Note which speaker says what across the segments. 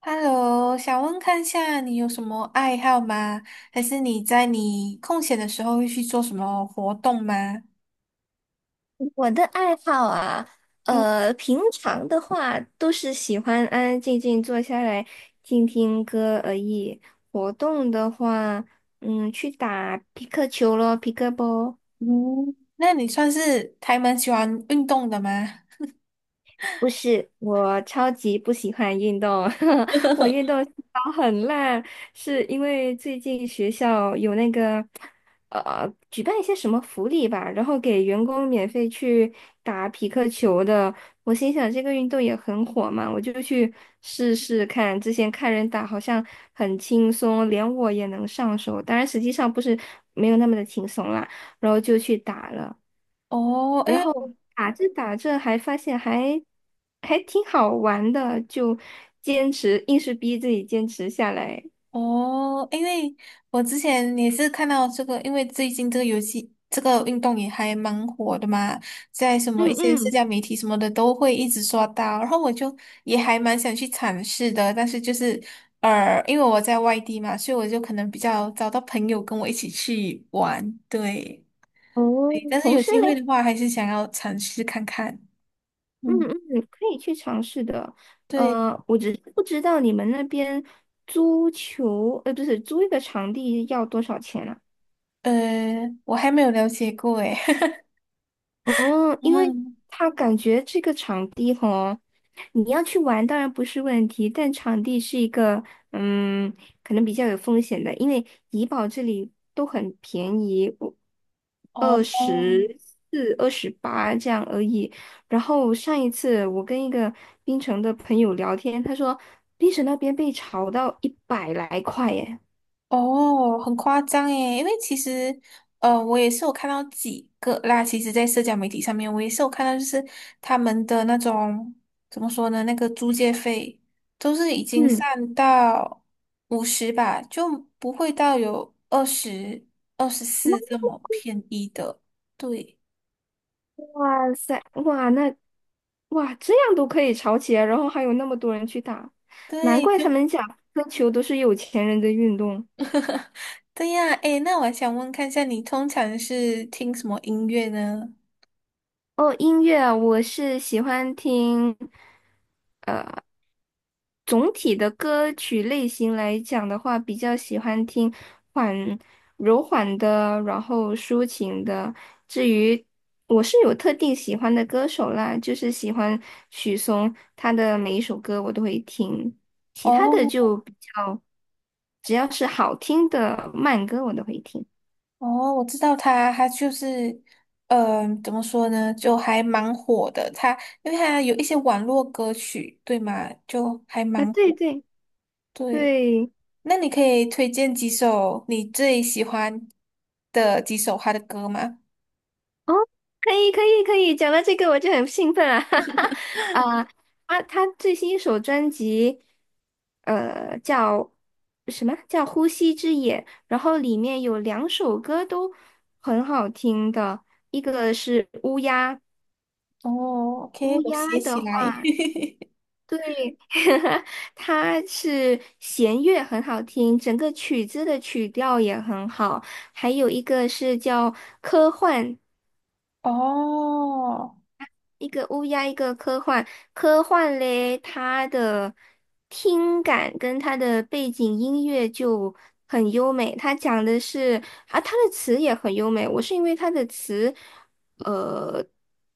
Speaker 1: Hello，想问看下你有什么爱好吗？还是你在你空闲的时候会去做什么活动吗？
Speaker 2: 我的爱好啊，
Speaker 1: 嗯
Speaker 2: 平常的话都是喜欢安安静静坐下来听听歌而已。活动的话，去打皮克球咯，皮克波。
Speaker 1: 嗯，那你算是还蛮喜欢运动的吗？
Speaker 2: 不是，我超级不喜欢运动，我运动细胞很烂，是因为最近学校有那个举办一些什么福利吧，然后给员工免费去打匹克球的。我心想这个运动也很火嘛，我就去试试看。之前看人打好像很轻松，连我也能上手，当然实际上不是没有那么的轻松啦。然后就去打了。
Speaker 1: 哦，
Speaker 2: 然后打着打着还发现挺好玩的，就坚持，硬是逼自己坚持下来。
Speaker 1: 哦，因为我之前也是看到这个，因为最近这个游戏这个运动也还蛮火的嘛，在什么一
Speaker 2: 嗯
Speaker 1: 些社
Speaker 2: 嗯，
Speaker 1: 交媒体什么的都会一直刷到，然后我就也还蛮想去尝试的，但是就是因为我在外地嘛，所以我就可能比较找到朋友跟我一起去玩，对，
Speaker 2: 哦，
Speaker 1: 对但是
Speaker 2: 同
Speaker 1: 有
Speaker 2: 事
Speaker 1: 机会
Speaker 2: 嘞，
Speaker 1: 的话，还是想要尝试看看，
Speaker 2: 嗯
Speaker 1: 嗯，
Speaker 2: 嗯，可以去尝试的。
Speaker 1: 对，
Speaker 2: 我只是不知道你们那边租球，不是租一个场地要多少钱啊？
Speaker 1: 呃，我还没有了解过，诶，
Speaker 2: 哦，因为
Speaker 1: 嗯，
Speaker 2: 他感觉这个场地吼，你要去玩当然不是问题，但场地是一个嗯，可能比较有风险的，因为怡保这里都很便宜，我二
Speaker 1: 哦。
Speaker 2: 十四、28这样而已。然后上一次我跟一个槟城的朋友聊天，他说槟城那边被炒到100来块耶。
Speaker 1: 哦，很夸张诶，因为其实，我也是有看到几个啦。其实，在社交媒体上面，我也是有看到，就是他们的那种怎么说呢，那个租借费都是已经
Speaker 2: 嗯。
Speaker 1: 上到50吧，就不会到有二十、24
Speaker 2: 那。
Speaker 1: 这么便宜的。对，
Speaker 2: 哇塞，哇这样都可以吵起来，然后还有那么多人去打，难
Speaker 1: 对，
Speaker 2: 怪
Speaker 1: 就
Speaker 2: 他们讲喝球都是有钱人的运动。
Speaker 1: 对呀。诶，那我还想问看一下，你通常是听什么音乐呢？
Speaker 2: 哦，音乐我是喜欢听。总体的歌曲类型来讲的话，比较喜欢听缓柔缓的，然后抒情的。至于我是有特定喜欢的歌手啦，就是喜欢许嵩，他的每一首歌我都会听，其他的
Speaker 1: 哦，
Speaker 2: 就比较，只要是好听的慢歌我都会听。
Speaker 1: 哦，我知道他，他就是，嗯、怎么说呢，就还蛮火的。他因为他有一些网络歌曲，对吗？就还
Speaker 2: 啊，
Speaker 1: 蛮
Speaker 2: 对
Speaker 1: 火。
Speaker 2: 对
Speaker 1: 对，
Speaker 2: 对，
Speaker 1: 那你可以推荐几首你最喜欢的几首他的歌吗？
Speaker 2: 哦，可以可以可以，讲到这个我就很兴奋啊！哈哈，啊，他最新一首专辑，叫什么叫《呼吸之野》，然后里面有两首歌都很好听的，一个是乌鸦，
Speaker 1: 哦，OK，
Speaker 2: 乌
Speaker 1: 我
Speaker 2: 鸦
Speaker 1: 写起
Speaker 2: 的
Speaker 1: 来。
Speaker 2: 话，对，它是弦乐很好听，整个曲子的曲调也很好，还有一个是叫科幻。
Speaker 1: 哦
Speaker 2: 一个乌鸦，一个科幻。科幻嘞，它的听感跟它的背景音乐就很优美。它讲的是啊，它的词也很优美。我是因为它的词，呃，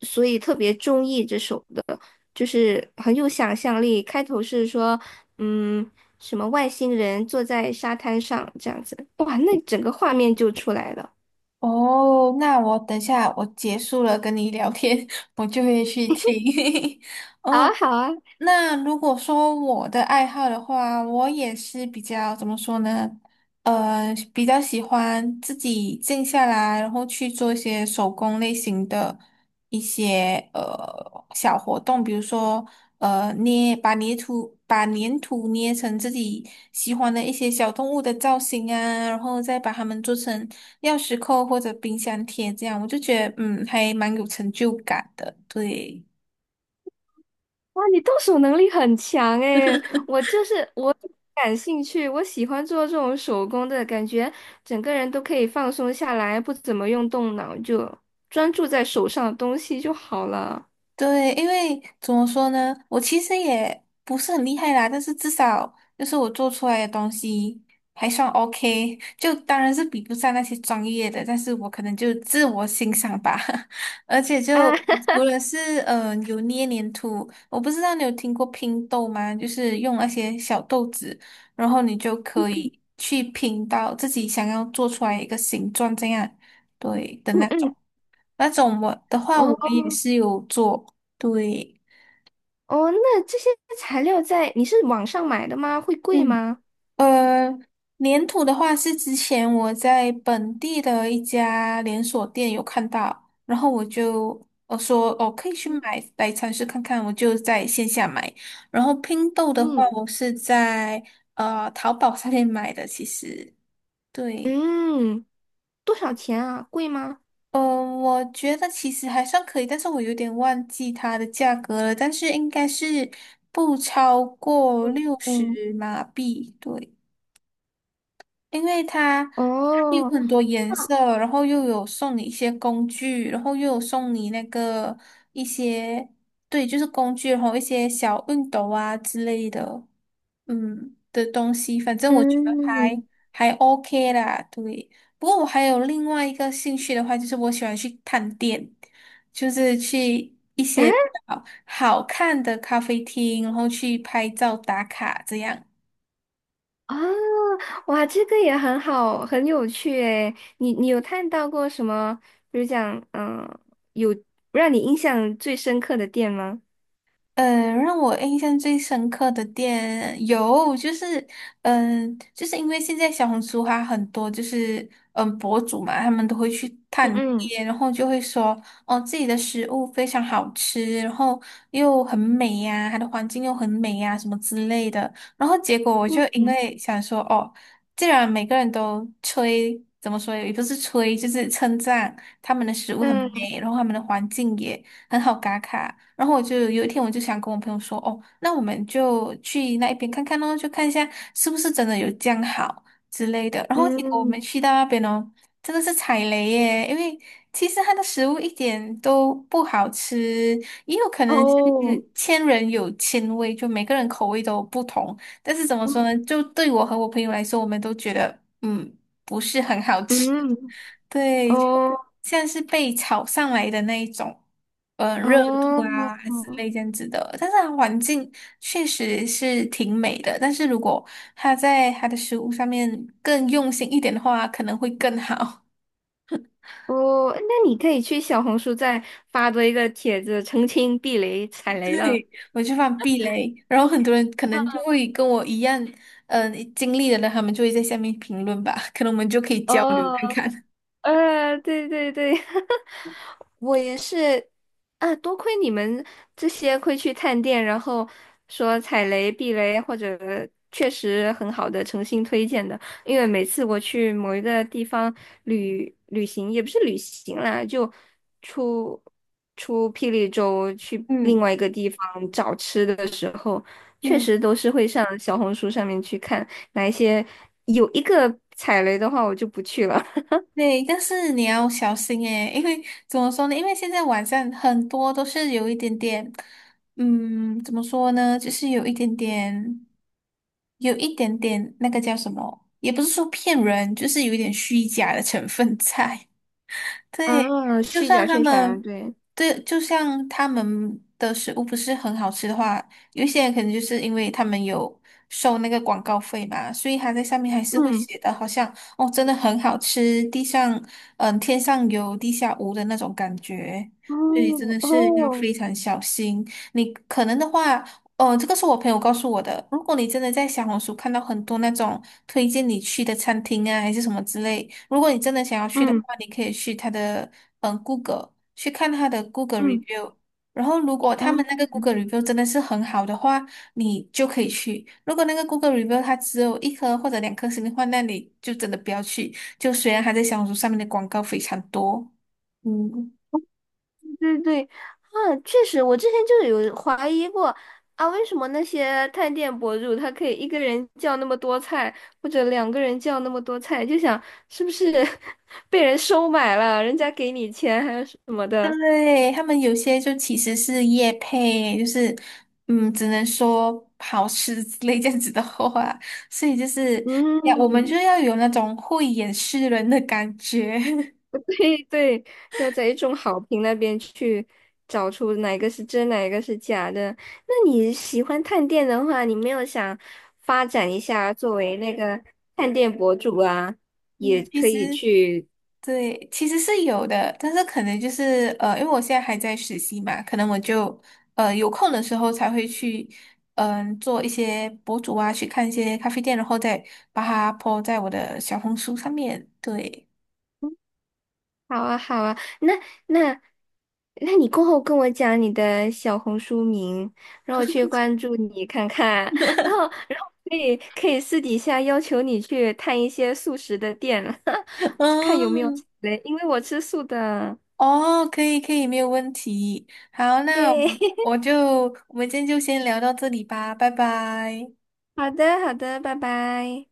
Speaker 2: 所以特别中意这首的，就是很有想象力。开头是说，嗯，什么外星人坐在沙滩上这样子，哇，那整个画面就出来了。
Speaker 1: 哦，那我等下我结束了跟你聊天，我就会去听。
Speaker 2: 好啊，好啊。
Speaker 1: 那如果说我的爱好的话，我也是比较怎么说呢？比较喜欢自己静下来，然后去做一些手工类型的一些小活动，比如说捏把泥土把粘土捏成自己喜欢的一些小动物的造型啊，然后再把它们做成钥匙扣或者冰箱贴，这样我就觉得嗯还蛮有成就感的，对。
Speaker 2: 哇，你动手能力很强诶，我就是我感兴趣，我喜欢做这种手工的感觉，整个人都可以放松下来，不怎么用动脑，就专注在手上的东西就好了。
Speaker 1: 对，因为怎么说呢，我其实也不是很厉害啦，但是至少就是我做出来的东西还算 OK，就当然是比不上那些专业的，但是我可能就自我欣赏吧。而且
Speaker 2: 啊，
Speaker 1: 就除了是有捏黏土，我不知道你有听过拼豆吗？就是用那些小豆子，然后你就可以去拼到自己想要做出来一个形状这样，对的 那
Speaker 2: 嗯
Speaker 1: 种。
Speaker 2: 嗯，
Speaker 1: 那种我的话，我
Speaker 2: 哦
Speaker 1: 也是有做，对，
Speaker 2: 哦，那这些材料在你是网上买的吗？会贵
Speaker 1: 嗯，
Speaker 2: 吗？
Speaker 1: 呃，粘土的话是之前我在本地的一家连锁店有看到，然后我就我说哦可以去买来尝试看看，我就在线下买。然后拼豆的话，
Speaker 2: 嗯
Speaker 1: 我是在淘宝上面买的，其实对。
Speaker 2: 嗯，多少钱啊？贵吗？
Speaker 1: 嗯，我觉得其实还算可以，但是我有点忘记它的价格了，但是应该是不超过六
Speaker 2: 嗯，
Speaker 1: 十马币，对。因为它有
Speaker 2: 哦，
Speaker 1: 很多颜色，然后又有送你一些工具，然后又有送你那个一些，对，就是工具，然后一些小熨斗啊之类的，嗯的东西，反正我觉得
Speaker 2: 嗯
Speaker 1: 还
Speaker 2: 嗯，
Speaker 1: 还 OK 啦，对。不过我还有另外一个兴趣的话，就是我喜欢去探店，就是去一些比
Speaker 2: 啊
Speaker 1: 较好看的咖啡厅，然后去拍照打卡这样。
Speaker 2: 啊。哇，这个也很好，很有趣诶。你有看到过什么，比如讲，嗯、有让你印象最深刻的店吗？
Speaker 1: 嗯，让我印象最深刻的店有，就是，嗯，就是因为现在小红书还很多，就是嗯博主嘛，他们都会去探
Speaker 2: 嗯
Speaker 1: 店，然后就会说，哦，自己的食物非常好吃，然后又很美呀、它的环境又很美呀、什么之类的。然后结果我就
Speaker 2: 嗯
Speaker 1: 因
Speaker 2: 嗯
Speaker 1: 为想说，哦，既然每个人都吹，怎么说也不是吹，就是称赞他们的食物很美，然后他们的环境也。很好打卡。然后我就有一天我就想跟我朋友说，哦，那我们就去那一边看看哦，就看一下是不是真的有这样好之类的。然后
Speaker 2: 嗯
Speaker 1: 结果我们
Speaker 2: 嗯
Speaker 1: 去到那边哦，真的是踩雷耶，因为其实它的食物一点都不好吃，也有可能
Speaker 2: 哦
Speaker 1: 是千人有千味，就每个人口味都不同。但是怎么
Speaker 2: 嗯
Speaker 1: 说呢，就对我和我朋友来说，我们都觉得嗯不是很好吃，
Speaker 2: 嗯，
Speaker 1: 对，就
Speaker 2: 哦
Speaker 1: 像是被炒上来的那一种。嗯，热度
Speaker 2: 哦
Speaker 1: 啊，还是类这样子的。但是它环境确实是挺美的，但是如果它在它的食物上面更用心一点的话，可能会更好。
Speaker 2: 哦，那你可以去小红书再发多一个帖子，澄清避雷踩 雷了。
Speaker 1: 对，我就放避雷，然后很多人可能就 会跟我一样，嗯、经历的人，他们就会在下面评论吧，可能我们就可以交流看
Speaker 2: 哦。
Speaker 1: 看。
Speaker 2: 对对对，我也是啊，多亏你们这些会去探店，然后说踩雷、避雷，或者确实很好的诚心推荐的。因为每次我去某一个地方旅行，也不是旅行啦，就出出霹雳州去另
Speaker 1: 嗯
Speaker 2: 外一个地方找吃的的时候，确
Speaker 1: 嗯。
Speaker 2: 实都是会上小红书上面去看哪一些有一个踩雷的话，我就不去了。
Speaker 1: 对，但是你要小心诶，因为怎么说呢？因为现在网上很多都是有一点点，嗯，怎么说呢？就是有一点点，有一点点那个叫什么？也不是说骗人，就是有一点虚假的成分在。对，
Speaker 2: 啊，
Speaker 1: 就
Speaker 2: 虚
Speaker 1: 算
Speaker 2: 假
Speaker 1: 他
Speaker 2: 宣传，
Speaker 1: 们，
Speaker 2: 对，
Speaker 1: 对，就像他们的食物不是很好吃的话，有一些人可能就是因为他们有收那个广告费嘛，所以他在上面还是会
Speaker 2: 嗯，
Speaker 1: 写的，好像哦，真的很好吃，地上嗯天上有地下无的那种感觉。
Speaker 2: 哦
Speaker 1: 所以真的是要
Speaker 2: 哦，
Speaker 1: 非常小心。你可能的话，哦，这个是我朋友告诉我的。如果你真的在小红书看到很多那种推荐你去的餐厅啊，还是什么之类，如果你真的想要去的
Speaker 2: 嗯
Speaker 1: 话，你可以去他的嗯 Google 去看他的 Google
Speaker 2: 嗯
Speaker 1: review。然后，如果他们那
Speaker 2: 嗯，
Speaker 1: 个 Google review 真的是很好的话，你就可以去。如果那个 Google review 它只有一颗或者两颗星的话，那你就真的不要去。就虽然它在小红书上面的广告非常多，嗯。
Speaker 2: 对对啊，确实，我之前就有怀疑过啊，为什么那些探店博主他可以一个人叫那么多菜，或者两个人叫那么多菜，就想是不是 被人收买了，人家给你钱还是什么的，
Speaker 1: 对，他们有些就其实是业配，就是嗯，只能说好吃之类这样子的话，所以就是要我们就
Speaker 2: 嗯
Speaker 1: 要有那种慧眼识人的感觉。
Speaker 2: 对对，要在一众好评那边去找出哪个是真，哪个是假的。那你喜欢探店的话，你没有想发展一下作为那个探店博主啊，也
Speaker 1: 嗯，其
Speaker 2: 可
Speaker 1: 实
Speaker 2: 以去
Speaker 1: 对，其实是有的，但是可能就是因为我现在还在实习嘛，可能我就有空的时候才会去嗯、做一些博主啊，去看一些咖啡店，然后再把它 po 在我的小红书上面。对，
Speaker 2: 好啊，好啊，那那你过后跟我讲你的小红书名，让我去关注你看看，然后然后可以可以私底下要求你去探一些素食的店，看有没有
Speaker 1: 嗯。
Speaker 2: 嘞，因为我吃素的，
Speaker 1: 哦，可以可以，没有问题。好，那我
Speaker 2: 耶，
Speaker 1: 我就我们今天就先聊到这里吧，拜拜。
Speaker 2: 好的好的，拜拜。